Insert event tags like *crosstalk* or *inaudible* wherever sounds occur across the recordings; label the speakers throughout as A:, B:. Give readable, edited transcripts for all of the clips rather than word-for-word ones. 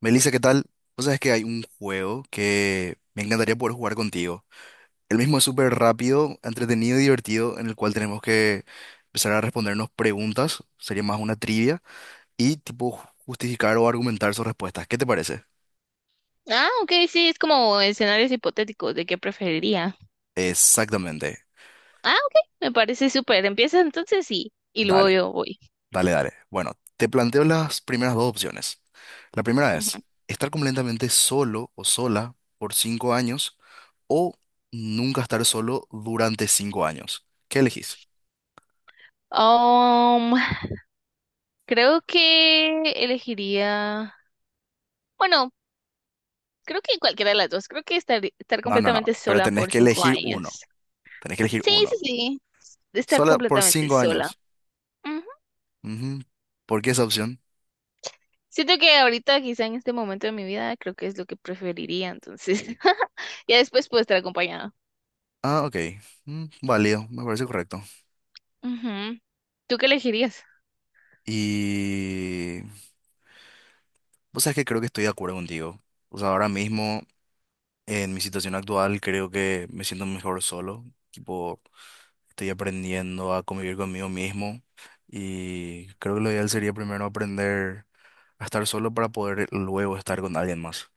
A: Melissa, ¿qué tal? Vos sabés que hay un juego que me encantaría poder jugar contigo. El mismo es súper rápido, entretenido y divertido, en el cual tenemos que empezar a respondernos preguntas, sería más una trivia, y tipo justificar o argumentar sus respuestas. ¿Qué te parece?
B: Ah, ok, sí, es como escenarios hipotéticos de qué preferiría.
A: Exactamente.
B: Ah, ok, me parece súper. Empieza entonces sí, y luego
A: Dale,
B: yo voy.
A: dale, dale. Bueno, te planteo las primeras dos opciones. La primera
B: Ujú.
A: es estar completamente solo o sola por 5 años o nunca estar solo durante 5 años. ¿Qué elegís?
B: Um, Creo que elegiría, bueno, creo que cualquiera de las dos. Creo que estar
A: No, no, no.
B: completamente
A: Pero
B: sola
A: tenés
B: por
A: que
B: cinco
A: elegir uno.
B: años.
A: Tenés que elegir
B: Sí, sí,
A: uno.
B: sí, estar
A: Solo por
B: completamente
A: cinco
B: sola.
A: años.
B: Ujú.
A: Ujú. ¿Por qué esa opción?
B: Siento que ahorita, quizá en este momento de mi vida, creo que es lo que preferiría, entonces *laughs* ya después puedo estar acompañada.
A: Ah, ok. Mm, válido, me parece correcto.
B: Ujú. ¿Tú qué elegirías?
A: Y... O sea, que creo que estoy de acuerdo contigo. O sea, ahora mismo, en mi situación actual, creo que me siento mejor solo. Tipo, estoy aprendiendo a convivir conmigo mismo. Y creo que lo ideal sería primero aprender a estar solo para poder luego estar con alguien más.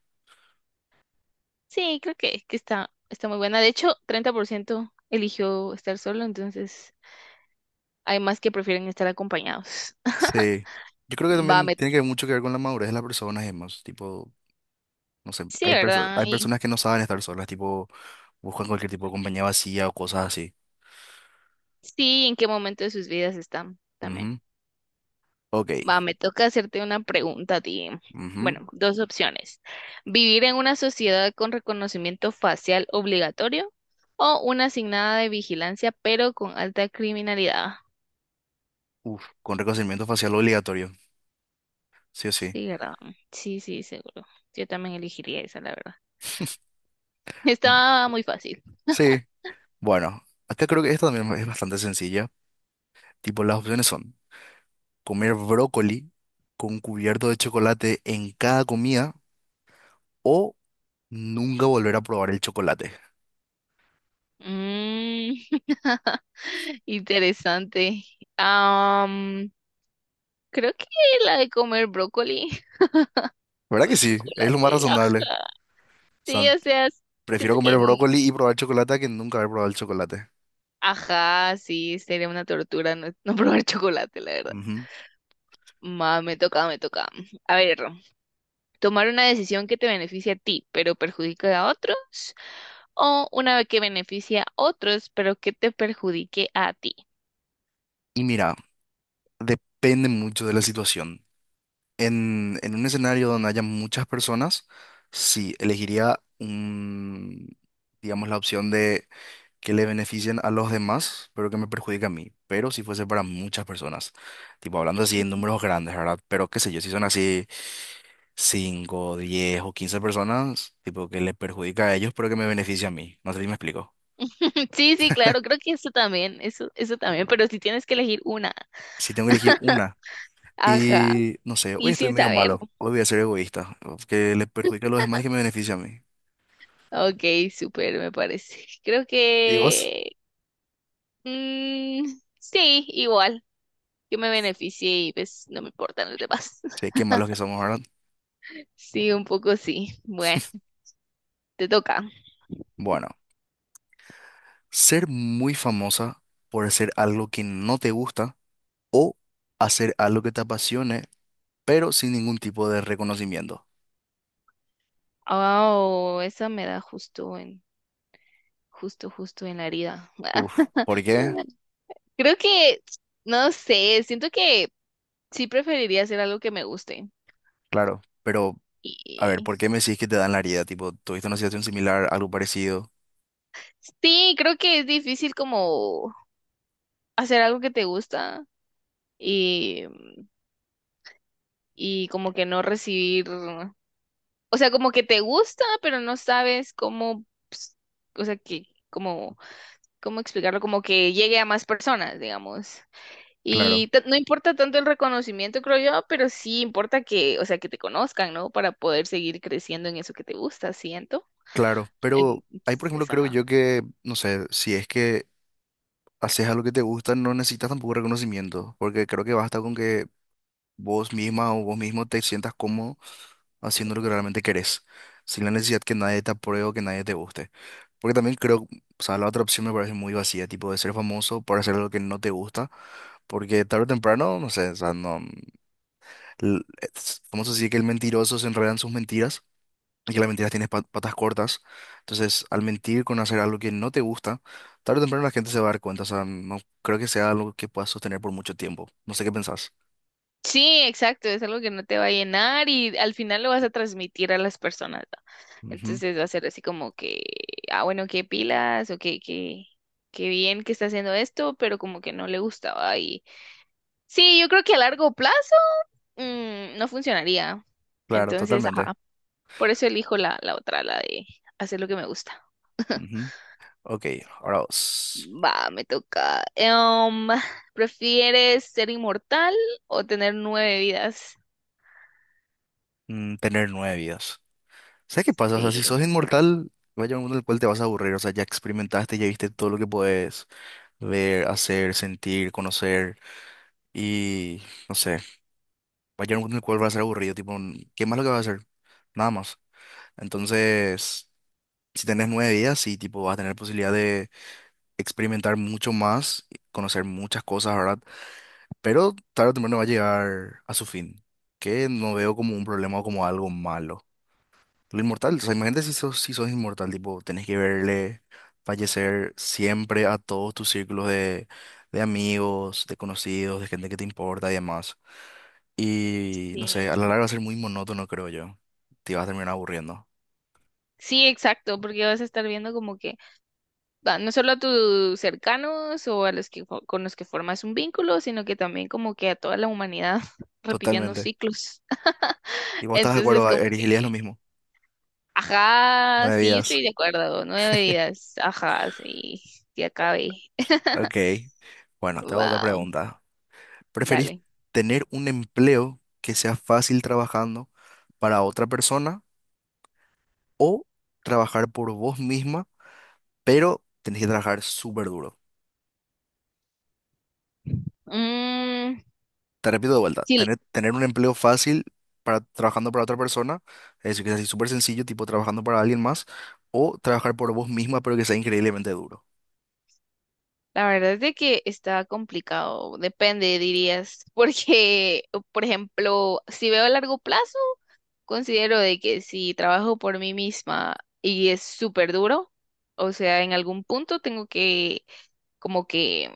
B: Sí, creo que está muy buena. De hecho, 30% eligió estar solo, entonces hay más que prefieren estar acompañados. *laughs*
A: Sí. Yo creo que
B: Va,
A: también
B: me...
A: tiene que ver mucho que ver con la madurez de las personas, además. Tipo, no sé,
B: Sí, ¿verdad?
A: hay
B: Y
A: personas que no saben estar solas, tipo, buscan cualquier tipo de compañía vacía o cosas así.
B: sí, ¿en qué momento de sus vidas están también?
A: Ujú. Ok.
B: Va, me toca hacerte una pregunta a ti.
A: Ujú.
B: Bueno, dos opciones. ¿Vivir en una sociedad con reconocimiento facial obligatorio o una asignada de vigilancia pero con alta criminalidad?
A: Uf, con reconocimiento facial obligatorio. Sí o sí.
B: Sí, ¿verdad? Sí, sí, seguro. Yo también elegiría esa, la verdad. Está muy fácil.
A: Sí. Bueno, acá creo que esta también es bastante sencilla. Tipo, las opciones son comer brócoli con cubierto de chocolate en cada comida o nunca volver a probar el chocolate.
B: Mm. *laughs* Interesante. Am, Creo que la de comer brócoli *laughs*
A: ¿Verdad
B: con
A: que sí? Es lo más
B: chocolate. Ah,
A: razonable.
B: sí, o sea,
A: Prefiero
B: siento
A: comer
B: que,
A: brócoli y probar chocolate que nunca haber probado el chocolate.
B: ajá, sí, sería una tortura no, no *laughs* probar chocolate, la verdad.
A: Ujú.
B: Me toca, me toca. A ver, tomar una decisión que te beneficie a ti, pero perjudica a otros o una que beneficia a otros, pero que te perjudique a ti.
A: Y mira, depende mucho de la situación. En un escenario donde haya muchas personas, sí, elegiría un, digamos, la opción de que le beneficien a los demás, pero que me perjudique a mí. Pero si fuese para muchas personas, tipo hablando así en
B: *laughs*
A: números grandes, ¿verdad? Pero qué sé yo, si son así 5, 10 o 15 personas, tipo que le perjudica a ellos, pero que me beneficie a mí. No sé si me explico.
B: Sí, sí, claro, creo que eso también, eso también, pero si tienes que elegir una,
A: Si tengo que elegir una,
B: ajá,
A: y no sé, hoy
B: y
A: estoy
B: sin
A: medio
B: saber.
A: malo, hoy voy a ser egoísta, que le perjudica a los demás y que me beneficia a mí.
B: Ok, súper, me parece. *laughs* Creo
A: ¿Y vos?
B: que mm, sí, igual, que me beneficie y pues no me importan los demás.
A: Sí, qué
B: *laughs*
A: malos que somos, ¿verdad?
B: Sí, un poco sí. Bueno, te toca.
A: Bueno, ser muy famosa por hacer algo que no te gusta o hacer algo que te apasione, pero sin ningún tipo de reconocimiento.
B: Oh, esa me da justo en la herida.
A: Uf, ¿por qué?
B: *laughs* Creo que, no sé, siento que sí preferiría hacer algo que me guste.
A: Claro, pero a ver,
B: Y
A: ¿por qué me decís que te dan la herida? Tipo, ¿tuviste una situación similar, algo parecido?
B: sí, creo que es difícil como hacer algo que te gusta y, y como que no recibir. O sea, como que te gusta, pero no sabes cómo, ps- o sea, que, cómo, cómo explicarlo, como que llegue a más personas, digamos.
A: Claro,
B: Y no importa tanto el reconocimiento, creo yo, pero sí importa que, o sea, que te conozcan, ¿no? Para poder seguir creciendo en eso que te gusta, siento.
A: claro,
B: En-
A: pero ahí por ejemplo
B: Entonces,
A: creo
B: ajá.
A: yo que, no sé, si es que haces algo que te gusta, no necesitas tampoco reconocimiento, porque creo que basta con que vos misma o vos mismo te sientas cómodo haciendo lo que realmente querés, sin la necesidad que nadie te apruebe o que nadie te guste. Porque también creo, o sea, la otra opción me parece muy vacía, tipo de ser famoso por hacer algo que no te gusta, porque tarde o temprano, no sé, o sea, no, l- ¿cómo se dice que el mentiroso se enreda en sus mentiras? Y la mentira tiene patas cortas. Entonces, al mentir con hacer algo que no te gusta, tarde o temprano la gente se va a dar cuenta. O sea, no creo que sea algo que puedas sostener por mucho tiempo. No sé qué pensás.
B: Sí, exacto, es algo que no te va a llenar y al final lo vas a transmitir a las personas, ¿va?
A: Ujú,
B: Entonces va a ser así como que, ah, bueno, qué pilas o qué bien que está haciendo esto, pero como que no le gustaba y sí, yo creo que a largo plazo no funcionaría.
A: claro,
B: Entonces, ajá,
A: totalmente.
B: por eso elijo la otra, la de hacer lo que me gusta.
A: Ujú. Ok, ahora vos.
B: Va, me toca. *laughs* ¿Prefieres ser inmortal o tener nueve vidas?
A: Mm, tener 9 vidas. ¿Sabes qué pasa? O sea, si
B: Sí,
A: sos inmortal, va a llegar un mundo en el cual te vas a aburrir. O sea, ya experimentaste, ya viste todo lo que puedes ver, hacer, sentir, conocer. Y no sé, va a llegar un mundo en el cual va a ser aburrido. Tipo, ¿qué más lo que vas a hacer? Nada más. Entonces, si tenés 9 vidas, sí, tipo, vas a tener posibilidad de experimentar mucho más, conocer muchas cosas, ¿verdad? Pero tarde o temprano va a llegar a su fin, que no veo como un problema o como algo malo. Lo inmortal, o sea, imagínate si sos, si sos inmortal, tipo, tenés que verle fallecer siempre a todos tus círculos de amigos, de conocidos, de gente que te importa y demás. Y no
B: sí.
A: sé, a la larga va a ser muy monótono, creo yo. Te vas a terminar aburriendo.
B: Sí, exacto, porque vas a estar viendo como que va, no solo a tus cercanos o a los que con los que formas un vínculo, sino que también como que a toda la humanidad *laughs* repitiendo
A: Totalmente.
B: ciclos.
A: Y
B: *laughs*
A: vos estás de
B: Entonces
A: acuerdo,
B: como
A: Eris,
B: que,
A: Elías, lo mismo.
B: ajá,
A: Nueve
B: sí, yo
A: vidas.
B: estoy de acuerdo, 9 días, ajá, sí, que acabe. *laughs*
A: Ok. Bueno, te hago otra
B: Va,
A: pregunta. ¿Preferís
B: dale.
A: tener un empleo que sea fácil trabajando para otra persona o trabajar por vos misma, pero tenés que trabajar súper duro?
B: Mm,
A: Te repito de vuelta,
B: sí,
A: tener un empleo fácil para trabajando para otra persona, es decir, que sea así súper sencillo, tipo trabajando para alguien más, o trabajar por vos misma, pero que sea increíblemente duro.
B: la verdad es de que está complicado, depende, dirías, *laughs* porque, por ejemplo, si veo a largo plazo, considero de que si trabajo por mí misma y es súper duro, o sea, en algún punto tengo que, como que,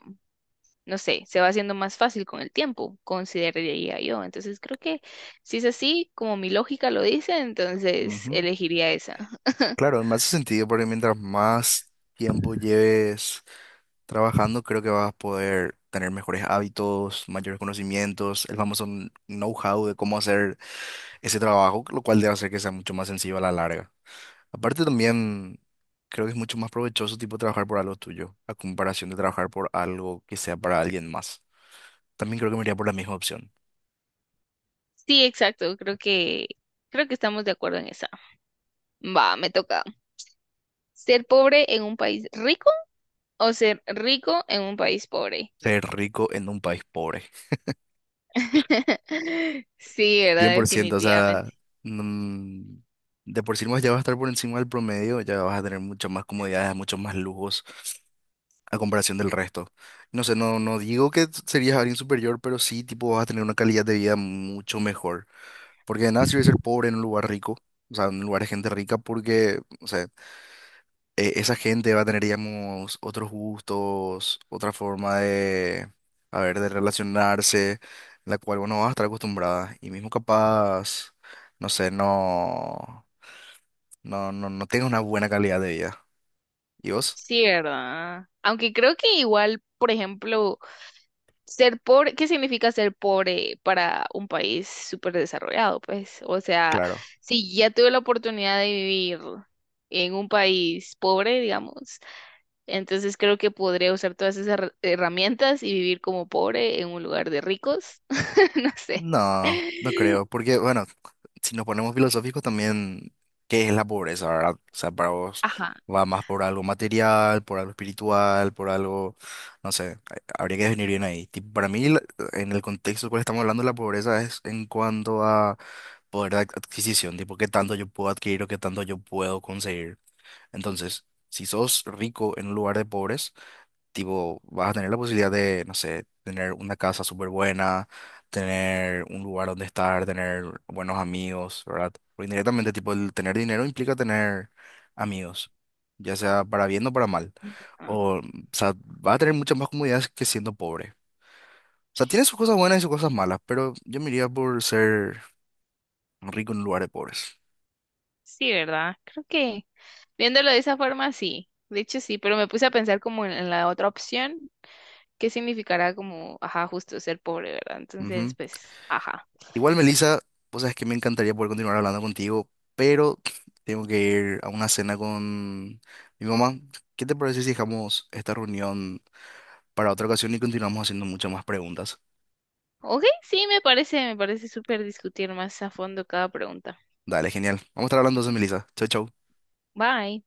B: no sé, se va haciendo más fácil con el tiempo, consideraría yo. Entonces creo que si es así, como mi lógica lo dice, entonces
A: Ujú.
B: elegiría esa. *laughs*
A: Claro, me hace sentido porque mientras más tiempo lleves trabajando, creo que vas a poder tener mejores hábitos, mayores conocimientos, el famoso know-how de cómo hacer ese trabajo, lo cual debe hacer que sea mucho más sencillo a la larga. Aparte también creo que es mucho más provechoso tipo trabajar por algo tuyo, a comparación de trabajar por algo que sea para alguien más. También creo que me iría por la misma opción,
B: Sí, exacto, creo que estamos de acuerdo en esa. Va, me toca. ¿Ser pobre en un país rico o ser rico en un país pobre?
A: ser rico en un país pobre.
B: *laughs* Sí,
A: cien
B: ¿verdad?
A: por ciento. O sea, mm, de por sí más ya vas a estar por encima del promedio, ya vas a tener muchas más comodidades, muchos más lujos a comparación del resto. No sé, no, no digo que serías alguien superior, pero sí tipo vas a tener una calidad de vida mucho mejor. Porque de nada sirve ser pobre en un lugar rico, o sea, en un lugar de gente rica, porque... O sea, esa gente va a tener, digamos, otros gustos, otra forma de, a ver, de relacionarse, la cual uno va a estar acostumbrada. Y mismo capaz, no sé, no, no tenga una buena calidad de vida. ¿Y vos?
B: Sí, ¿verdad? Aunque creo que igual, por ejemplo, ser pobre, ¿qué significa ser pobre para un país súper desarrollado? Pues, o sea, si ya tuve la oportunidad de vivir en un país pobre, digamos, entonces creo que podría usar todas esas herramientas y vivir como pobre en un lugar de ricos. *laughs* No sé.
A: No, no creo, porque bueno, si nos ponemos filosóficos también, ¿qué es la pobreza, verdad? O sea, para vos
B: Ajá.
A: va más por algo material, por algo espiritual, por algo, no sé, habría que definir bien ahí. Tipo, para mí, en el contexto en el cual estamos hablando, la pobreza es en cuanto a poder de adquisición, tipo, qué tanto yo puedo adquirir o qué tanto yo puedo conseguir. Entonces, si sos rico en un lugar de pobres, tipo, vas a tener la posibilidad de, no sé, tener una casa súper buena, tener un lugar donde estar, tener buenos amigos, ¿verdad? Porque indirectamente, tipo, el tener dinero implica tener amigos, ya sea para bien o para mal.
B: Ah,
A: O sea, vas a tener muchas más comodidades que siendo pobre. O sea, tiene sus cosas buenas y sus cosas malas, pero yo me iría por ser rico en un lugar de pobres.
B: sí, ¿verdad? Creo que viéndolo de esa forma, sí. De hecho, sí, pero me puse a pensar como en la otra opción qué significará como, ajá, justo ser pobre, ¿verdad? Entonces,
A: Ujú.
B: pues, ajá.
A: Igual, Melissa, vos sabes que me encantaría poder continuar hablando contigo, pero tengo que ir a una cena con mi mamá. ¿Qué te parece si dejamos esta reunión para otra ocasión y continuamos haciendo muchas más preguntas?
B: Ok, sí, me parece súper discutir más a fondo cada pregunta.
A: Dale, genial. Vamos a estar hablando entonces, Melissa. Chau, chau.
B: Bye.